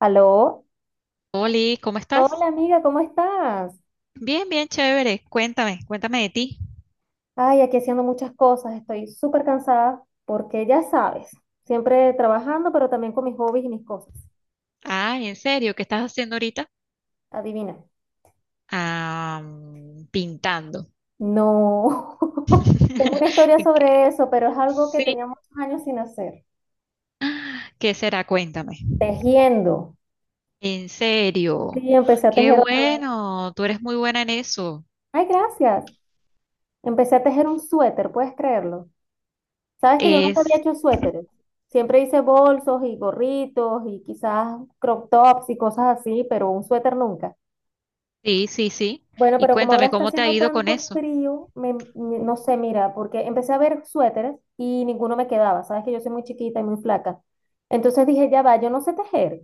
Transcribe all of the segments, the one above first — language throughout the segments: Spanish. Aló, Oli, ¿cómo estás? hola amiga, ¿cómo estás? Bien, bien, chévere. Cuéntame de ti. Ay, aquí haciendo muchas cosas, estoy súper cansada porque ya sabes, siempre trabajando, pero también con mis hobbies y mis cosas. Ah, ¿en serio? ¿Qué estás haciendo ahorita? Adivina. Ah, pintando. No, tengo una historia ¿Qué- sobre eso, pero es algo que Sí, tenía muchos años sin hacer. ¿qué será? Cuéntame. Tejiendo. En serio. Sí, empecé a Qué tejer otra vez. bueno, tú eres muy buena en eso. Ay, gracias. Empecé a tejer un suéter, ¿puedes creerlo? Sabes que yo nunca había Es, hecho suéteres. Siempre hice bolsos y gorritos y quizás crop tops y cosas así, pero un suéter nunca. sí, sí, sí. Bueno, Y pero como ahora cuéntame, está ¿cómo te ha haciendo ido con tanto eso? frío, no sé, mira, porque empecé a ver suéteres y ninguno me quedaba. Sabes que yo soy muy chiquita y muy flaca. Entonces dije, ya va, yo no sé tejer.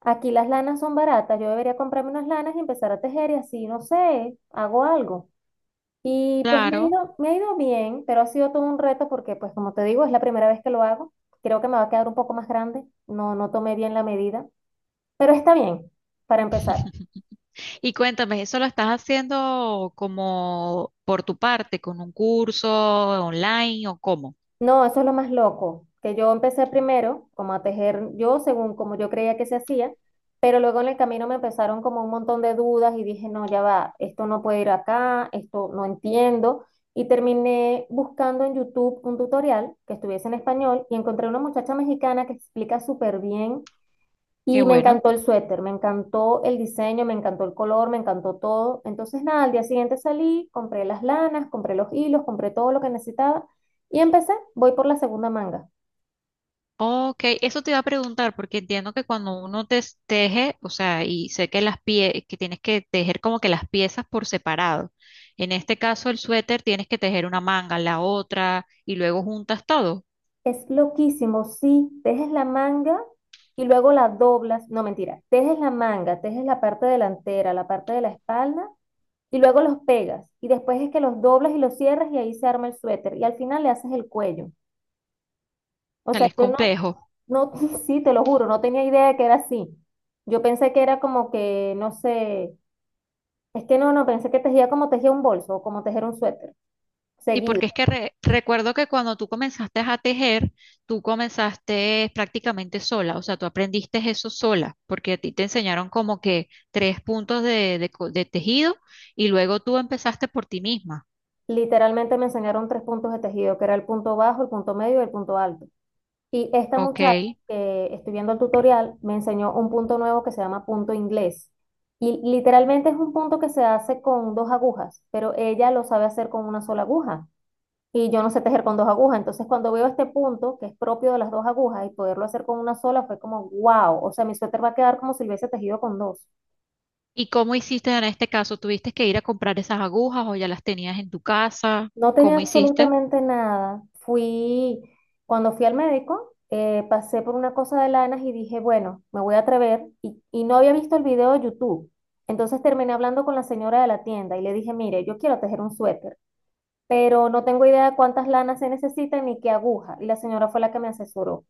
Aquí las lanas son baratas, yo debería comprarme unas lanas y empezar a tejer y así, no sé, hago algo. Y pues Claro. Me ha ido bien, pero ha sido todo un reto porque, pues como te digo, es la primera vez que lo hago. Creo que me va a quedar un poco más grande. No, no tomé bien la medida, pero está bien para empezar. Y cuéntame, ¿eso lo estás haciendo como por tu parte, con un curso online o cómo? No, eso es lo más loco, que yo empecé primero como a tejer yo según como yo creía que se hacía, pero luego en el camino me empezaron como un montón de dudas y dije, no, ya va, esto no puede ir acá, esto no entiendo. Y terminé buscando en YouTube un tutorial que estuviese en español y encontré una muchacha mexicana que explica súper bien Qué y me bueno. encantó el suéter, me encantó el diseño, me encantó el color, me encantó todo. Entonces, nada, al día siguiente salí, compré las lanas, compré los hilos, compré todo lo que necesitaba y empecé. Voy por la segunda manga. Ok, eso te iba a preguntar porque entiendo que cuando uno te teje, o sea, y sé que las pie que tienes que tejer como que las piezas por separado. En este caso, el suéter tienes que tejer una manga, la otra, y luego juntas todo. O Es loquísimo, sí, tejes la manga y luego la doblas. No, mentira, tejes la manga, tejes la parte delantera, la parte de la espalda y luego los pegas. Y después es que los doblas y los cierras y ahí se arma el suéter. Y al final le haces el cuello. O sea, sea, es yo no, complejo. no, sí, te lo juro, no tenía idea de que era así. Yo pensé que era como que, no sé, es que no, no, pensé que tejía como tejía un bolso o como tejer un suéter, Sí, seguido. porque es que recuerdo que cuando tú comenzaste a tejer, tú comenzaste prácticamente sola, o sea, tú aprendiste eso sola, porque a ti te enseñaron como que tres puntos de, de tejido y luego tú empezaste por ti misma, Literalmente me enseñaron tres puntos de tejido, que era el punto bajo, el punto medio y el punto alto. Y esta ¿ok? muchacha que estoy viendo el tutorial me enseñó un punto nuevo que se llama punto inglés. Y literalmente es un punto que se hace con dos agujas, pero ella lo sabe hacer con una sola aguja. Y yo no sé tejer con dos agujas. Entonces, cuando veo este punto, que es propio de las dos agujas, y poderlo hacer con una sola, fue como, wow, o sea, mi suéter va a quedar como si lo hubiese tejido con dos. ¿Y cómo hiciste en este caso? ¿Tuviste que ir a comprar esas agujas o ya las tenías en tu casa? No tenía ¿Cómo hiciste? absolutamente nada. Fui, cuando fui al médico, pasé por una cosa de lanas y dije, bueno, me voy a atrever, y no había visto el video de YouTube. Entonces terminé hablando con la señora de la tienda y le dije, mire, yo quiero tejer un suéter, pero no tengo idea de cuántas lanas se necesitan ni qué aguja. Y la señora fue la que me asesoró.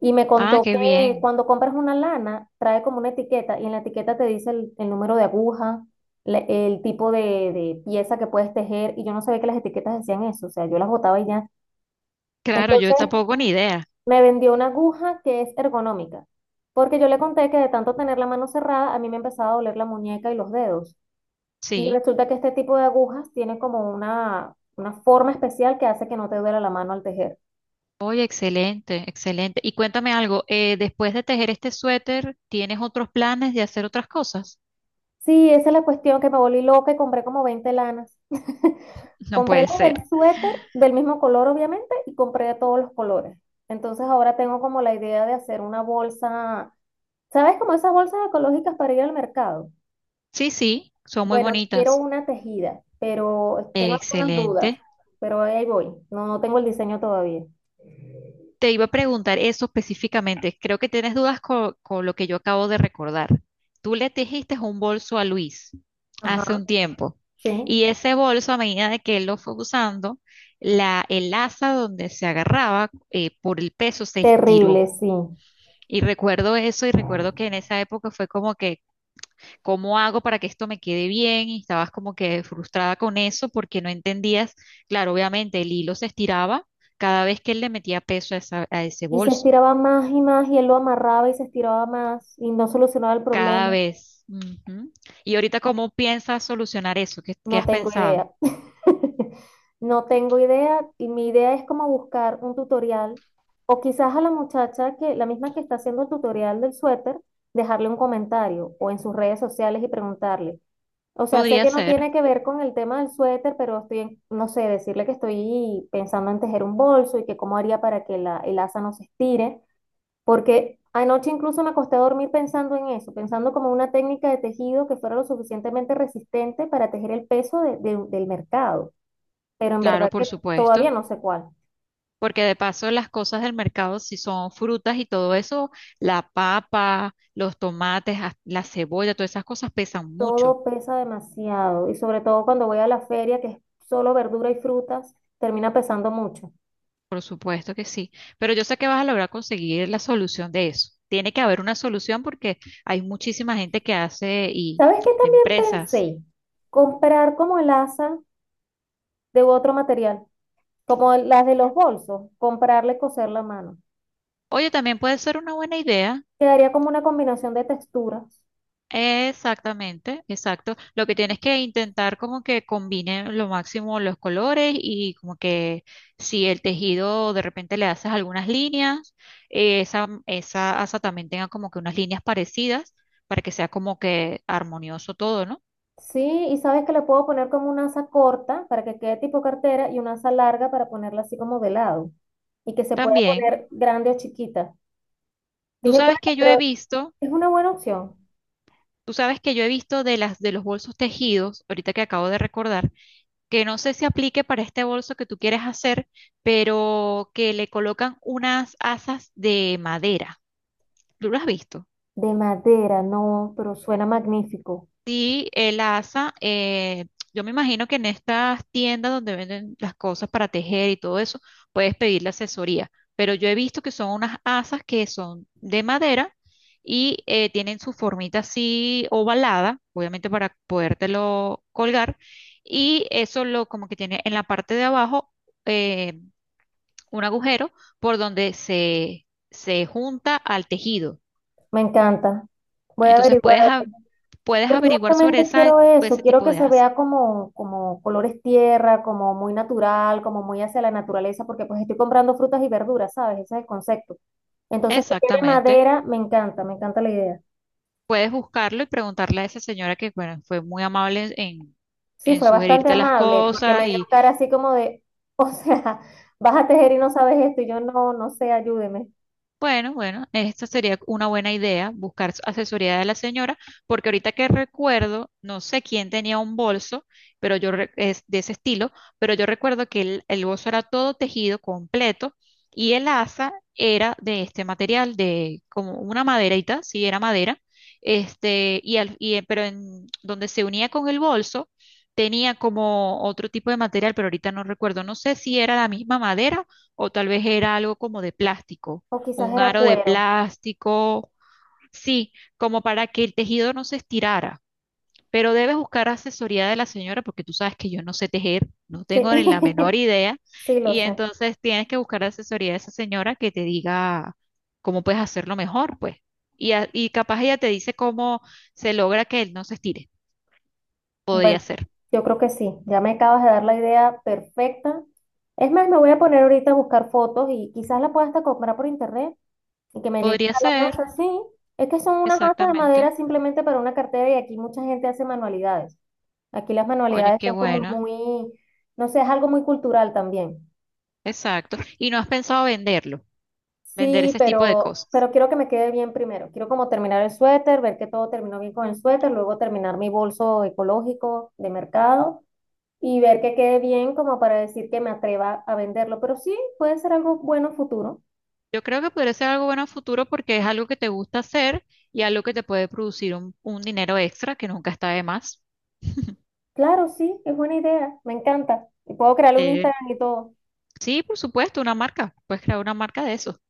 Y me Ah, contó qué que bien. cuando compras una lana, trae como una etiqueta y en la etiqueta te dice el número de aguja, el tipo de pieza que puedes tejer. Y yo no sabía que las etiquetas decían eso, o sea, yo las botaba y ya. Claro, yo Entonces tampoco ni idea. me vendió una aguja que es ergonómica, porque yo le conté que de tanto tener la mano cerrada, a mí me empezaba a doler la muñeca y los dedos. Y Sí. resulta que este tipo de agujas tiene como una forma especial que hace que no te duela la mano al tejer. Oye, excelente, excelente. Y cuéntame algo, después de tejer este suéter, ¿tienes otros planes de hacer otras cosas? Sí, esa es la cuestión que me volví loca y compré como 20 lanas. No Compré puede las ser. del suéter del mismo color, obviamente, y compré de todos los colores. Entonces ahora tengo como la idea de hacer una bolsa, ¿sabes? Como esas bolsas ecológicas para ir al mercado. Sí, sí, son muy Bueno, quiero bonitas. una tejida, pero tengo algunas dudas, Excelente. pero ahí voy. No, no tengo el diseño todavía. Te iba a preguntar eso específicamente. Creo que tienes dudas con, lo que yo acabo de recordar. Tú le tejiste un bolso a Luis Ajá, hace un tiempo sí. y ese bolso a medida de que él lo fue usando, la, el asa donde se agarraba por el peso se Terrible, estiró. sí. Y recuerdo eso y recuerdo que en esa época fue como que, ¿cómo hago para que esto me quede bien? Y estabas como que frustrada con eso porque no entendías, claro, obviamente el hilo se estiraba cada vez que él le metía peso a, a ese Y se bolso, estiraba más y más y él lo amarraba y se estiraba más y no solucionaba el cada problema. vez. Ujú. Y ahorita, ¿cómo piensas solucionar eso? ¿Qué, qué No has tengo pensado? idea. No tengo idea y mi idea es como buscar un tutorial o quizás a la muchacha que, la misma que está haciendo el tutorial del suéter, dejarle un comentario o en sus redes sociales y preguntarle. O sea, sé Podría que no ser, tiene que ver con el tema del suéter, pero estoy, en- no sé, decirle que estoy pensando en tejer un bolso y que cómo haría para que el asa no se estire, porque anoche incluso me acosté a dormir pensando en eso, pensando como una técnica de tejido que fuera lo suficientemente resistente para tejer el peso del mercado, pero en claro, verdad por que todavía supuesto, no sé cuál. porque de paso las cosas del mercado, si son frutas y todo eso, la papa, los tomates, hasta la cebolla, todas esas cosas pesan mucho. Todo pesa demasiado y sobre todo cuando voy a la feria, que es solo verdura y frutas, termina pesando mucho. Por supuesto que sí, pero yo sé que vas a lograr conseguir la solución de eso. Tiene que haber una solución porque hay muchísima gente que hace y ¿Sabes qué también empresas. pensé? Comprar como asa de otro material, como las de los bolsos, comprarle coser la mano. Oye, también puede ser una buena idea. Quedaría como una combinación de texturas. Exactamente, exacto. Lo que tienes que intentar como que combine lo máximo los colores y como que si el tejido de repente le haces algunas líneas, esa, esa asa también tenga como que unas líneas parecidas para que sea como que armonioso todo, ¿no? Sí, y sabes que le puedo poner como una asa corta para que quede tipo cartera y una asa larga para ponerla así como de lado y que se pueda También. poner grande o chiquita. Tú Dije, sabes bueno, que yo he pero visto, es una buena opción. tú sabes que yo he visto de las de los bolsos tejidos, ahorita que acabo de recordar, que no sé si aplique para este bolso que tú quieres hacer, pero que le colocan unas asas de madera. ¿Tú lo has visto? De madera, no, pero suena magnífico. Sí, el asa, yo me imagino que en estas tiendas donde venden las cosas para tejer y todo eso, puedes pedir la asesoría, pero yo he visto que son unas asas que son de madera y tienen su formita así ovalada, obviamente para podértelo colgar, y eso lo como que tiene en la parte de abajo eh, un agujero por donde se junta al tejido. Me encanta. Voy a Entonces averiguar, puedes, a ver, puedes porque averiguar sobre justamente esa, quiero eso, ese quiero tipo que de se asas. vea como, como colores tierra, como muy natural, como muy hacia la naturaleza, porque pues estoy comprando frutas y verduras, ¿sabes? Ese es el concepto. Entonces, que quede Exactamente. madera, me encanta la idea. Puedes buscarlo y preguntarle a esa señora que, bueno, fue muy amable Sí, en fue bastante sugerirte las amable, porque cosas. me vio cara así como de, o sea, vas a tejer y no sabes esto, y yo no sé, ayúdeme. Bueno, bueno, esta sería una buena idea, buscar asesoría de la señora, porque ahorita que recuerdo, no sé quién tenía un bolso, pero yo es de ese estilo, pero yo recuerdo que el bolso era todo tejido completo y el asa era de este material, de como una maderita, sí, era madera, este, y, y pero en donde se unía con el bolso tenía como otro tipo de material, pero ahorita no recuerdo, no sé si era la misma madera o tal vez era algo como de plástico O quizás un era aro de cuero. plástico, sí, como para que el tejido no se estirara. Pero debes buscar asesoría de la señora porque tú sabes que yo no sé tejer, no Sí, tengo ni la menor idea. sí, lo Y sé. entonces tienes que buscar asesoría de esa señora que te diga cómo puedes hacerlo mejor, pues. Y, y capaz ella te dice cómo se logra que él no se estire. Bueno, Podría ser. yo creo que sí, ya me acabas de dar la idea perfecta. Es más, me voy a poner ahorita a buscar fotos y quizás la pueda hasta comprar por internet y que me llegue Podría a la ser, casa. Sí, es que son unas asas de exactamente. madera simplemente para una cartera y aquí mucha gente hace manualidades. Aquí las Oye, manualidades qué son como bueno. muy, no sé, es algo muy cultural también. Exacto. Y no has pensado venderlo, vender Sí, ese tipo de cosas. pero quiero que me quede bien primero. Quiero como terminar el suéter, ver que todo terminó bien con el suéter, luego terminar mi bolso ecológico de mercado y ver que quede bien como para decir que me atreva a venderlo. Pero sí, puede ser algo bueno futuro. Yo creo que podría ser algo bueno a futuro porque es algo que te gusta hacer y algo que te puede producir un dinero extra que nunca está de más. Claro, sí, es buena idea, me encanta. Y puedo crearle un Eh, Instagram y todo. sí, por supuesto, una marca. Puedes crear una marca de eso.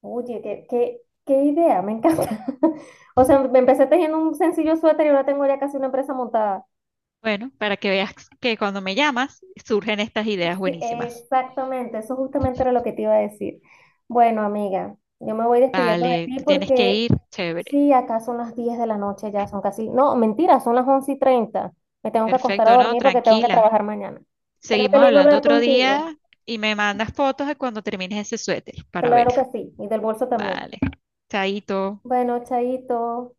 Oye, qué idea, me encanta. O sea, me empecé tejiendo un sencillo suéter y ahora tengo ya casi una empresa montada. Bueno, para que veas que cuando me llamas surgen estas ideas Sí, buenísimas. exactamente, eso justamente era lo que te iba a decir. Bueno, amiga, yo me voy despidiendo de Vale, ti te tienes que porque ir, chévere. sí, acá son las 10 de la noche ya, son casi, no, mentira, son las 11 y 30. Me tengo que acostar a Perfecto, ¿no? dormir porque tengo que Tranquila. trabajar mañana. Pero qué Seguimos lindo hablando hablar otro contigo. día y me mandas fotos de cuando termines ese suéter para Claro que verlo. sí, y del bolso también. Vale. Chaito. Bueno, chaito.